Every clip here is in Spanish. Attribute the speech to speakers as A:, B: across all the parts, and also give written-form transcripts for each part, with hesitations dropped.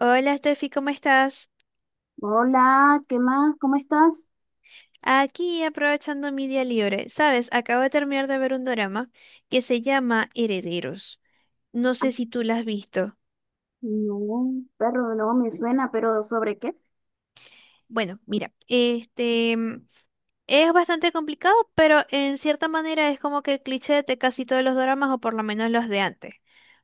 A: Hola, Steffi, ¿cómo estás?
B: Hola, ¿qué más? ¿Cómo estás?
A: Aquí aprovechando mi día libre. Sabes, acabo de terminar de ver un drama que se llama Herederos. No
B: Ah,
A: sé si tú la has visto.
B: no, perro, no me suena, pero ¿sobre qué?
A: Bueno, mira, es bastante complicado, pero en cierta manera es como que el cliché de casi todos los dramas, o por lo menos los de antes,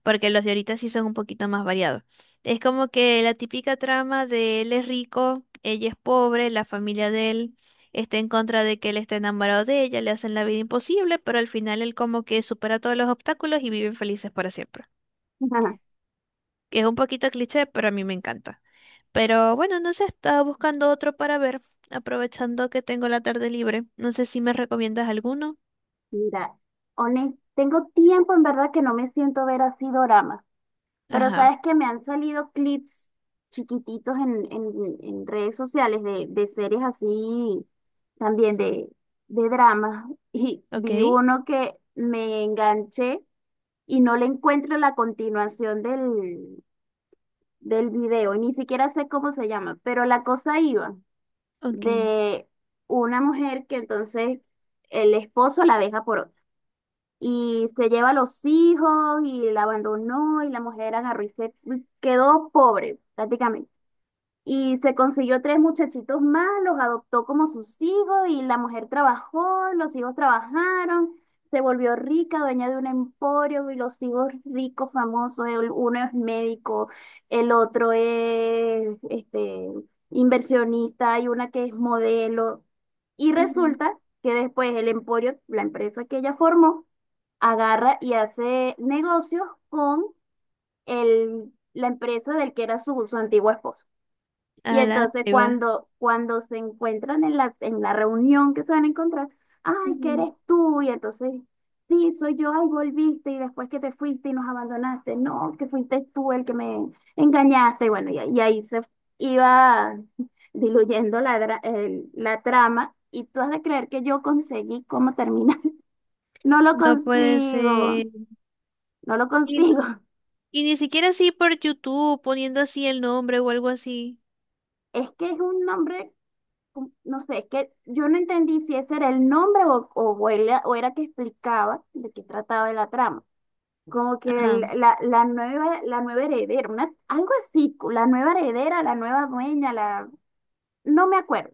A: porque los de ahorita sí son un poquito más variados. Es como que la típica trama de él es rico, ella es pobre, la familia de él está en contra de que él esté enamorado de ella, le hacen la vida imposible, pero al final él como que supera todos los obstáculos y viven felices para siempre. Que es un poquito cliché, pero a mí me encanta. Pero bueno, no sé, estaba buscando otro para ver, aprovechando que tengo la tarde libre. No sé si me recomiendas alguno.
B: Mira, honest, tengo tiempo en verdad que no me siento a ver así doramas, pero
A: Ajá,
B: sabes que me han salido clips chiquititos en redes sociales de series así también de dramas y
A: ok,
B: vi uno que me enganché y no le encuentro la continuación del video, y ni siquiera sé cómo se llama, pero la cosa iba
A: ok.
B: de una mujer que entonces el esposo la deja por otra y se lleva a los hijos y la abandonó y la mujer agarró y se quedó pobre prácticamente. Y se consiguió tres muchachitos más, los adoptó como sus hijos y la mujer trabajó, los hijos trabajaron, se volvió rica, dueña de un emporio y los hijos ricos, famosos, uno es médico, el otro es este, inversionista y una que es modelo. Y
A: Ujú.
B: resulta que después el emporio, la empresa que ella formó, agarra y hace negocios con el, la empresa del que era su antiguo esposo.
A: A
B: Y
A: la
B: entonces
A: va.
B: cuando se encuentran en en la reunión que se van a encontrar, ay, ¿qué
A: Ujú.
B: eres tú? Y entonces, sí, soy yo, ay, volviste y después que te fuiste y nos abandonaste, no, que fuiste tú el que me engañaste. Y bueno, y ahí se iba diluyendo la trama y tú has de creer que yo conseguí cómo terminar. No lo
A: No puede
B: consigo,
A: ser.
B: no lo
A: Y, no-
B: consigo.
A: y ni siquiera así por YouTube, poniendo así el nombre o algo así.
B: Es que es un nombre no sé, que yo no entendí si ese era el nombre o era que explicaba de qué trataba la trama. Como que
A: Ajá,
B: la nueva heredera, una, algo así, cu- la nueva heredera, la nueva dueña, no me acuerdo.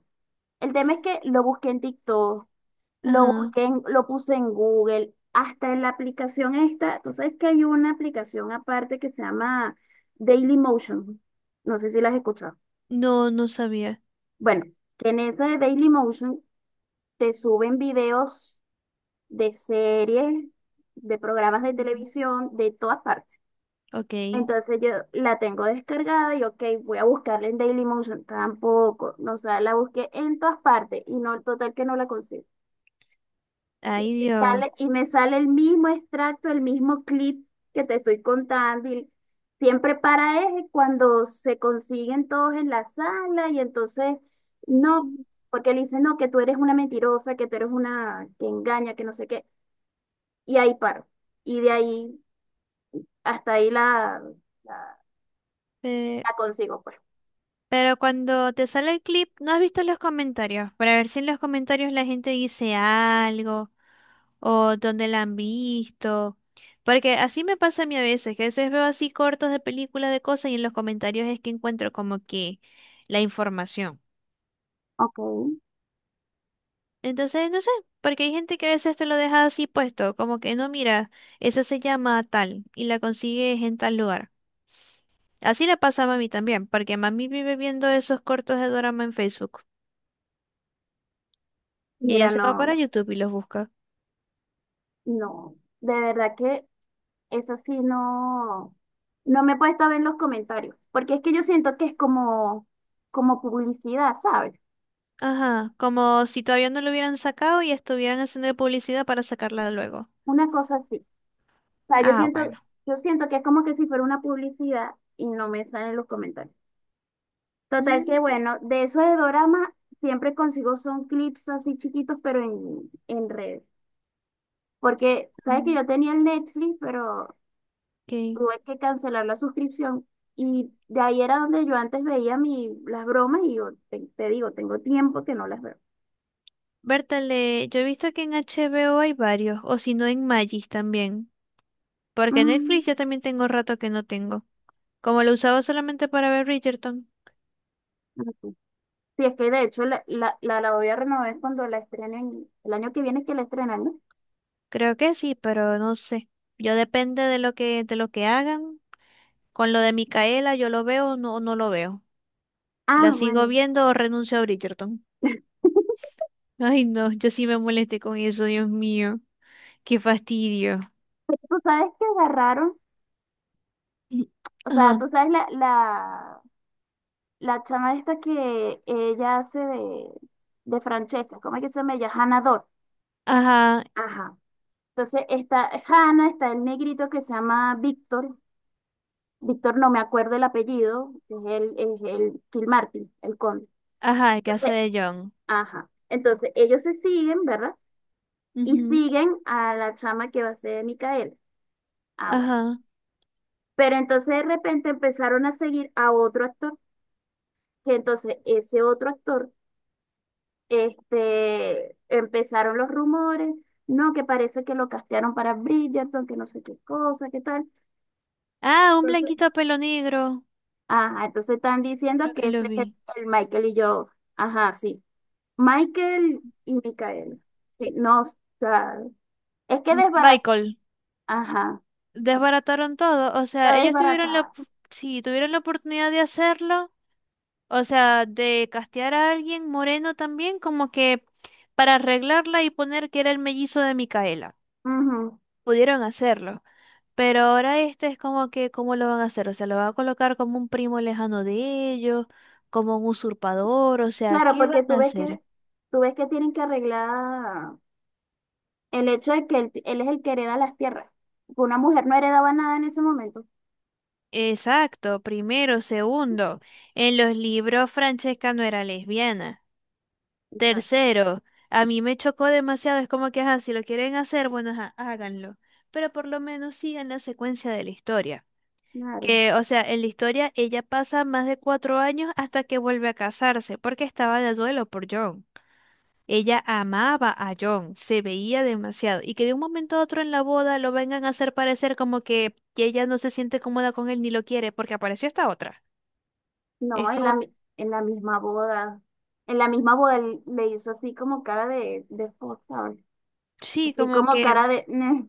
B: El tema es que lo busqué en TikTok,
A: ajá.
B: lo puse en Google, hasta en la aplicación esta, tú sabes que hay una aplicación aparte que se llama Dailymotion. No sé si la has escuchado.
A: No, no sabía.
B: Bueno, que en esa de Dailymotion te suben videos de series, de programas de
A: Ujú.
B: televisión, de todas partes.
A: Ok.
B: Entonces yo la tengo descargada y ok, voy a buscarla en Dailymotion, tampoco, no, o sea, la busqué en todas partes y no, total que no la consigo.
A: Ay, Dios.
B: Y me sale el mismo extracto, el mismo clip que te estoy contando y siempre para es cuando se consiguen todos en la sala y entonces no,
A: Ujú.
B: porque le dicen, no, que tú eres una mentirosa, que tú eres una que engaña, que no sé qué. Y ahí paro. Y de ahí hasta ahí la,
A: Eh,
B: la consigo, pues.
A: pero cuando te sale el clip, ¿no has visto los comentarios? Para ver si en los comentarios la gente dice algo o donde la han visto. Porque así me pasa a mí a veces, que a veces veo así cortos de películas de cosas y en los comentarios es que encuentro como que la información.
B: Ok.
A: Entonces, no sé, porque hay gente que a veces te lo deja así puesto, como que no, mira, esa se llama tal y la consigues en tal lugar. Así le pasa a mami también, porque mami vive viendo esos cortos de dorama en Facebook y ella
B: Mira,
A: se va para
B: no,
A: YouTube y los busca.
B: no, de verdad que eso sí no, no me he puesto a ver los comentarios, porque es que yo siento que es como, como publicidad, ¿sabes?
A: Ajá, como si todavía no lo hubieran sacado y estuvieran haciendo publicidad para sacarla luego.
B: Una cosa así. O sea,
A: Ah, bueno.
B: yo siento que es como que si fuera una publicidad y no me salen los comentarios. Total que
A: Mm,
B: bueno, de eso de dorama siempre consigo son clips así chiquitos, pero en redes. Porque sabes que
A: mm,
B: yo tenía el Netflix, pero
A: ok.
B: tuve que cancelar la suscripción. Y de ahí era donde yo antes veía mi, las bromas y yo te digo, tengo tiempo que no las veo.
A: Bertale, yo he visto que en HBO hay varios, o si no en Magis también. Porque en
B: Mm,
A: Netflix yo también tengo rato que no tengo. Como lo usaba solamente para ver Bridgerton.
B: ok. Sí, es que de hecho la voy a renovar cuando la estrenen, el año que viene es que la estrenan, ¿no?
A: Creo que sí, pero no sé. Yo depende de lo que hagan. Con lo de Micaela, yo lo veo o no lo veo.
B: Ah,
A: ¿La sigo
B: bueno.
A: viendo o renuncio a Bridgerton? Ay, no, yo sí me molesté con eso, Dios mío. Qué fastidio.
B: Tú sabes que agarraron,
A: Y-
B: o sea,
A: Ajá,
B: tú sabes la chama esta que ella hace de Francesca, ¿cómo es que se llama ella? Hannah Dot.
A: ajá,
B: Ajá. Entonces está Hannah, está el negrito que se llama Víctor. Víctor, no me acuerdo el apellido, es es el Phil Martin el conde.
A: ajá, el que hace
B: Entonces,
A: de John.
B: ajá. Entonces, ellos se siguen, ¿verdad? Y siguen a la chama que va a ser Micaela. Ah, bueno.
A: Ajá.
B: Pero entonces de repente empezaron a seguir a otro actor, que entonces ese otro actor, este, empezaron los rumores, no, que parece que lo castearon para Bridgerton, que no sé qué cosa, qué tal.
A: Ah, un
B: Entonces,
A: blanquito a pelo negro.
B: ajá, entonces están
A: Yo
B: diciendo
A: creo
B: que
A: que lo
B: ese es
A: vi.
B: el Michael y yo, ajá, sí. Michael y Micael. Sí, no, o sea, es que desbarata,
A: Michael,
B: ajá,
A: desbarataron todo. O sea,
B: está
A: ellos tuvieron la,
B: desbaratada.
A: op- sí, tuvieron la oportunidad de hacerlo. O sea, de castear a alguien moreno también, como que para arreglarla y poner que era el mellizo de Micaela.
B: Ujú.
A: Pudieron hacerlo. Pero ahora este es como que, ¿cómo lo van a hacer? O sea, lo van a colocar como un primo lejano de ellos, como un usurpador. O sea,
B: Claro,
A: ¿qué van
B: porque
A: a hacer?
B: tú ves que tienen que arreglar el hecho de que él es el que hereda las tierras. Una mujer no heredaba nada en ese momento.
A: Exacto, primero, segundo. En los libros Francesca no era lesbiana.
B: Exacto.
A: Tercero, a mí me chocó demasiado, es como que, ajá, si lo quieren hacer, bueno, ajá, háganlo. Pero por lo menos sigan la secuencia de la historia.
B: Claro.
A: Que, o sea, en la historia ella pasa más de cuatro años hasta que vuelve a casarse, porque estaba de duelo por John. Ella amaba a John, se veía demasiado, y que de un momento a otro en la boda lo vengan a hacer parecer como que ella no se siente cómoda con él ni lo quiere, porque apareció esta otra.
B: No,
A: Es
B: en
A: como,
B: en la misma boda. En la misma boda él le hizo así como cara de esposa, ¿sabes?
A: sí,
B: Así
A: como
B: como
A: que,
B: cara de... "Neh".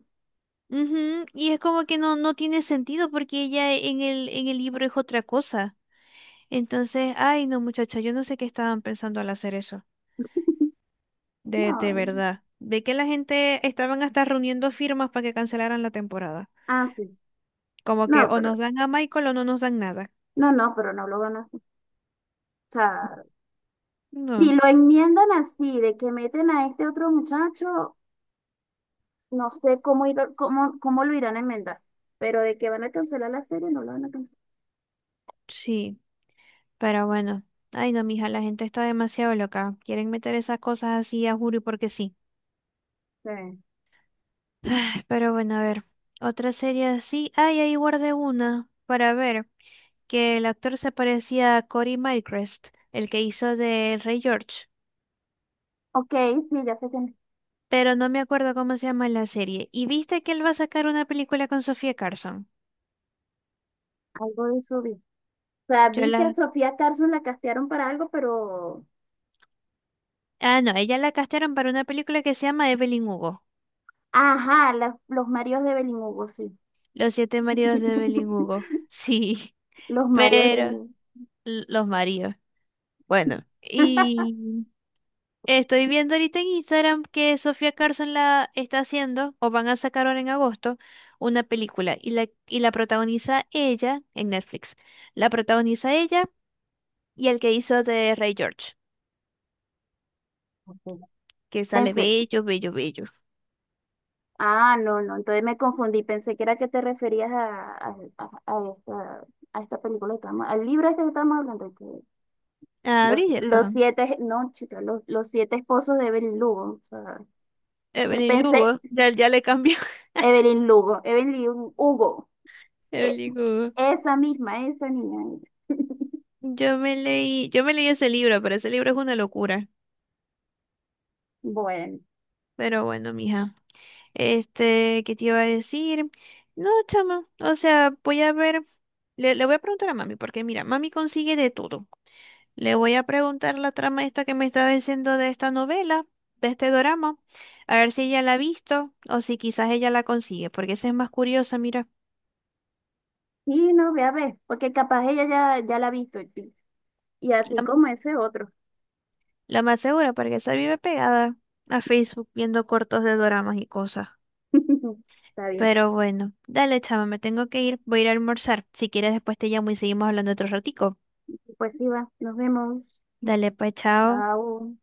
A: ujú, y es como que no, no tiene sentido porque ella, en el libro es otra cosa. Entonces, ay, no, muchacha, yo no sé qué estaban pensando al hacer eso, de
B: No,
A: verdad. De que la gente estaban hasta reuniendo firmas para que cancelaran la temporada.
B: ah, sí.
A: Como que
B: No,
A: o
B: pero,
A: nos dan a Michael o no nos dan nada.
B: no, no, pero no lo van a escuchar. Si
A: No,
B: lo enmiendan así, de que meten a este otro muchacho, no sé cómo, cómo lo irán a enmendar. Pero de que van a cancelar la serie, no lo van a cancelar.
A: sí, pero bueno. Ay, no, mija, la gente está demasiado loca. Quieren meter esas cosas así a Juri porque sí.
B: Sí.
A: Ay, pero bueno, a ver, otra serie así. Ay, ahí guardé una para ver que el actor se parecía a Cory Mycrest, el que hizo de Rey George,
B: Ok, sí, ya sé que
A: pero no me acuerdo cómo se llama la serie. ¿Y viste que él va a sacar una película con Sofía Carson?
B: algo de eso vi. O sea,
A: Yo
B: vi que a
A: la...
B: Sofía Carson la castearon para algo, pero.
A: Ah, no, ella la castearon para una película que se llama Evelyn Hugo,
B: Ajá, los Marios de Belín Hugo, sí.
A: Los siete maridos de Evelyn Hugo. Sí,
B: Los Marios de
A: pero
B: Belín
A: los maridos. Bueno, y estoy viendo ahorita en Instagram que Sofía Carson la está haciendo, o van a sacar ahora en agosto, una película y la protagoniza ella en Netflix. La protagoniza ella y el que hizo de Ray George,
B: Hugo.
A: que sale bello, bello, bello.
B: Ah, no, no, entonces me confundí, pensé que era que te referías a esta película que estamos, al libro este que estamos hablando, que
A: Ah,
B: los
A: Bridgerton.
B: siete, no, chica, los siete esposos de Evelyn Lugo, o sea, que
A: Evelyn
B: pensé,
A: Lugo, ya, ya le cambió.
B: Evelyn Lugo, Evelyn Hugo, e-
A: Evelyn Hugo.
B: esa misma, esa niña,
A: Yo me leí ese libro, pero ese libro es una locura.
B: bueno,
A: Pero bueno, mija. Este, ¿qué te iba a decir? No, chama, o sea, voy a ver, le voy a preguntar a mami, porque mira, mami consigue de todo. Le voy a preguntar la trama esta que me estaba diciendo de esta novela, de este dorama, a ver si ella la ha visto o si quizás ella la consigue, porque esa es más curiosa, mira,
B: sí, no, voy a ver, porque capaz ella ya la ha visto, y así
A: la,
B: como ese otro,
A: la más segura, porque esa vive pegada a Facebook viendo cortos de doramas y cosas.
B: está bien,
A: Pero bueno, dale, chama, me tengo que ir, voy a ir a almorzar. Si quieres, después te llamo y seguimos hablando otro ratico.
B: pues sí va, nos vemos,
A: Dale, pues, chao.
B: chao.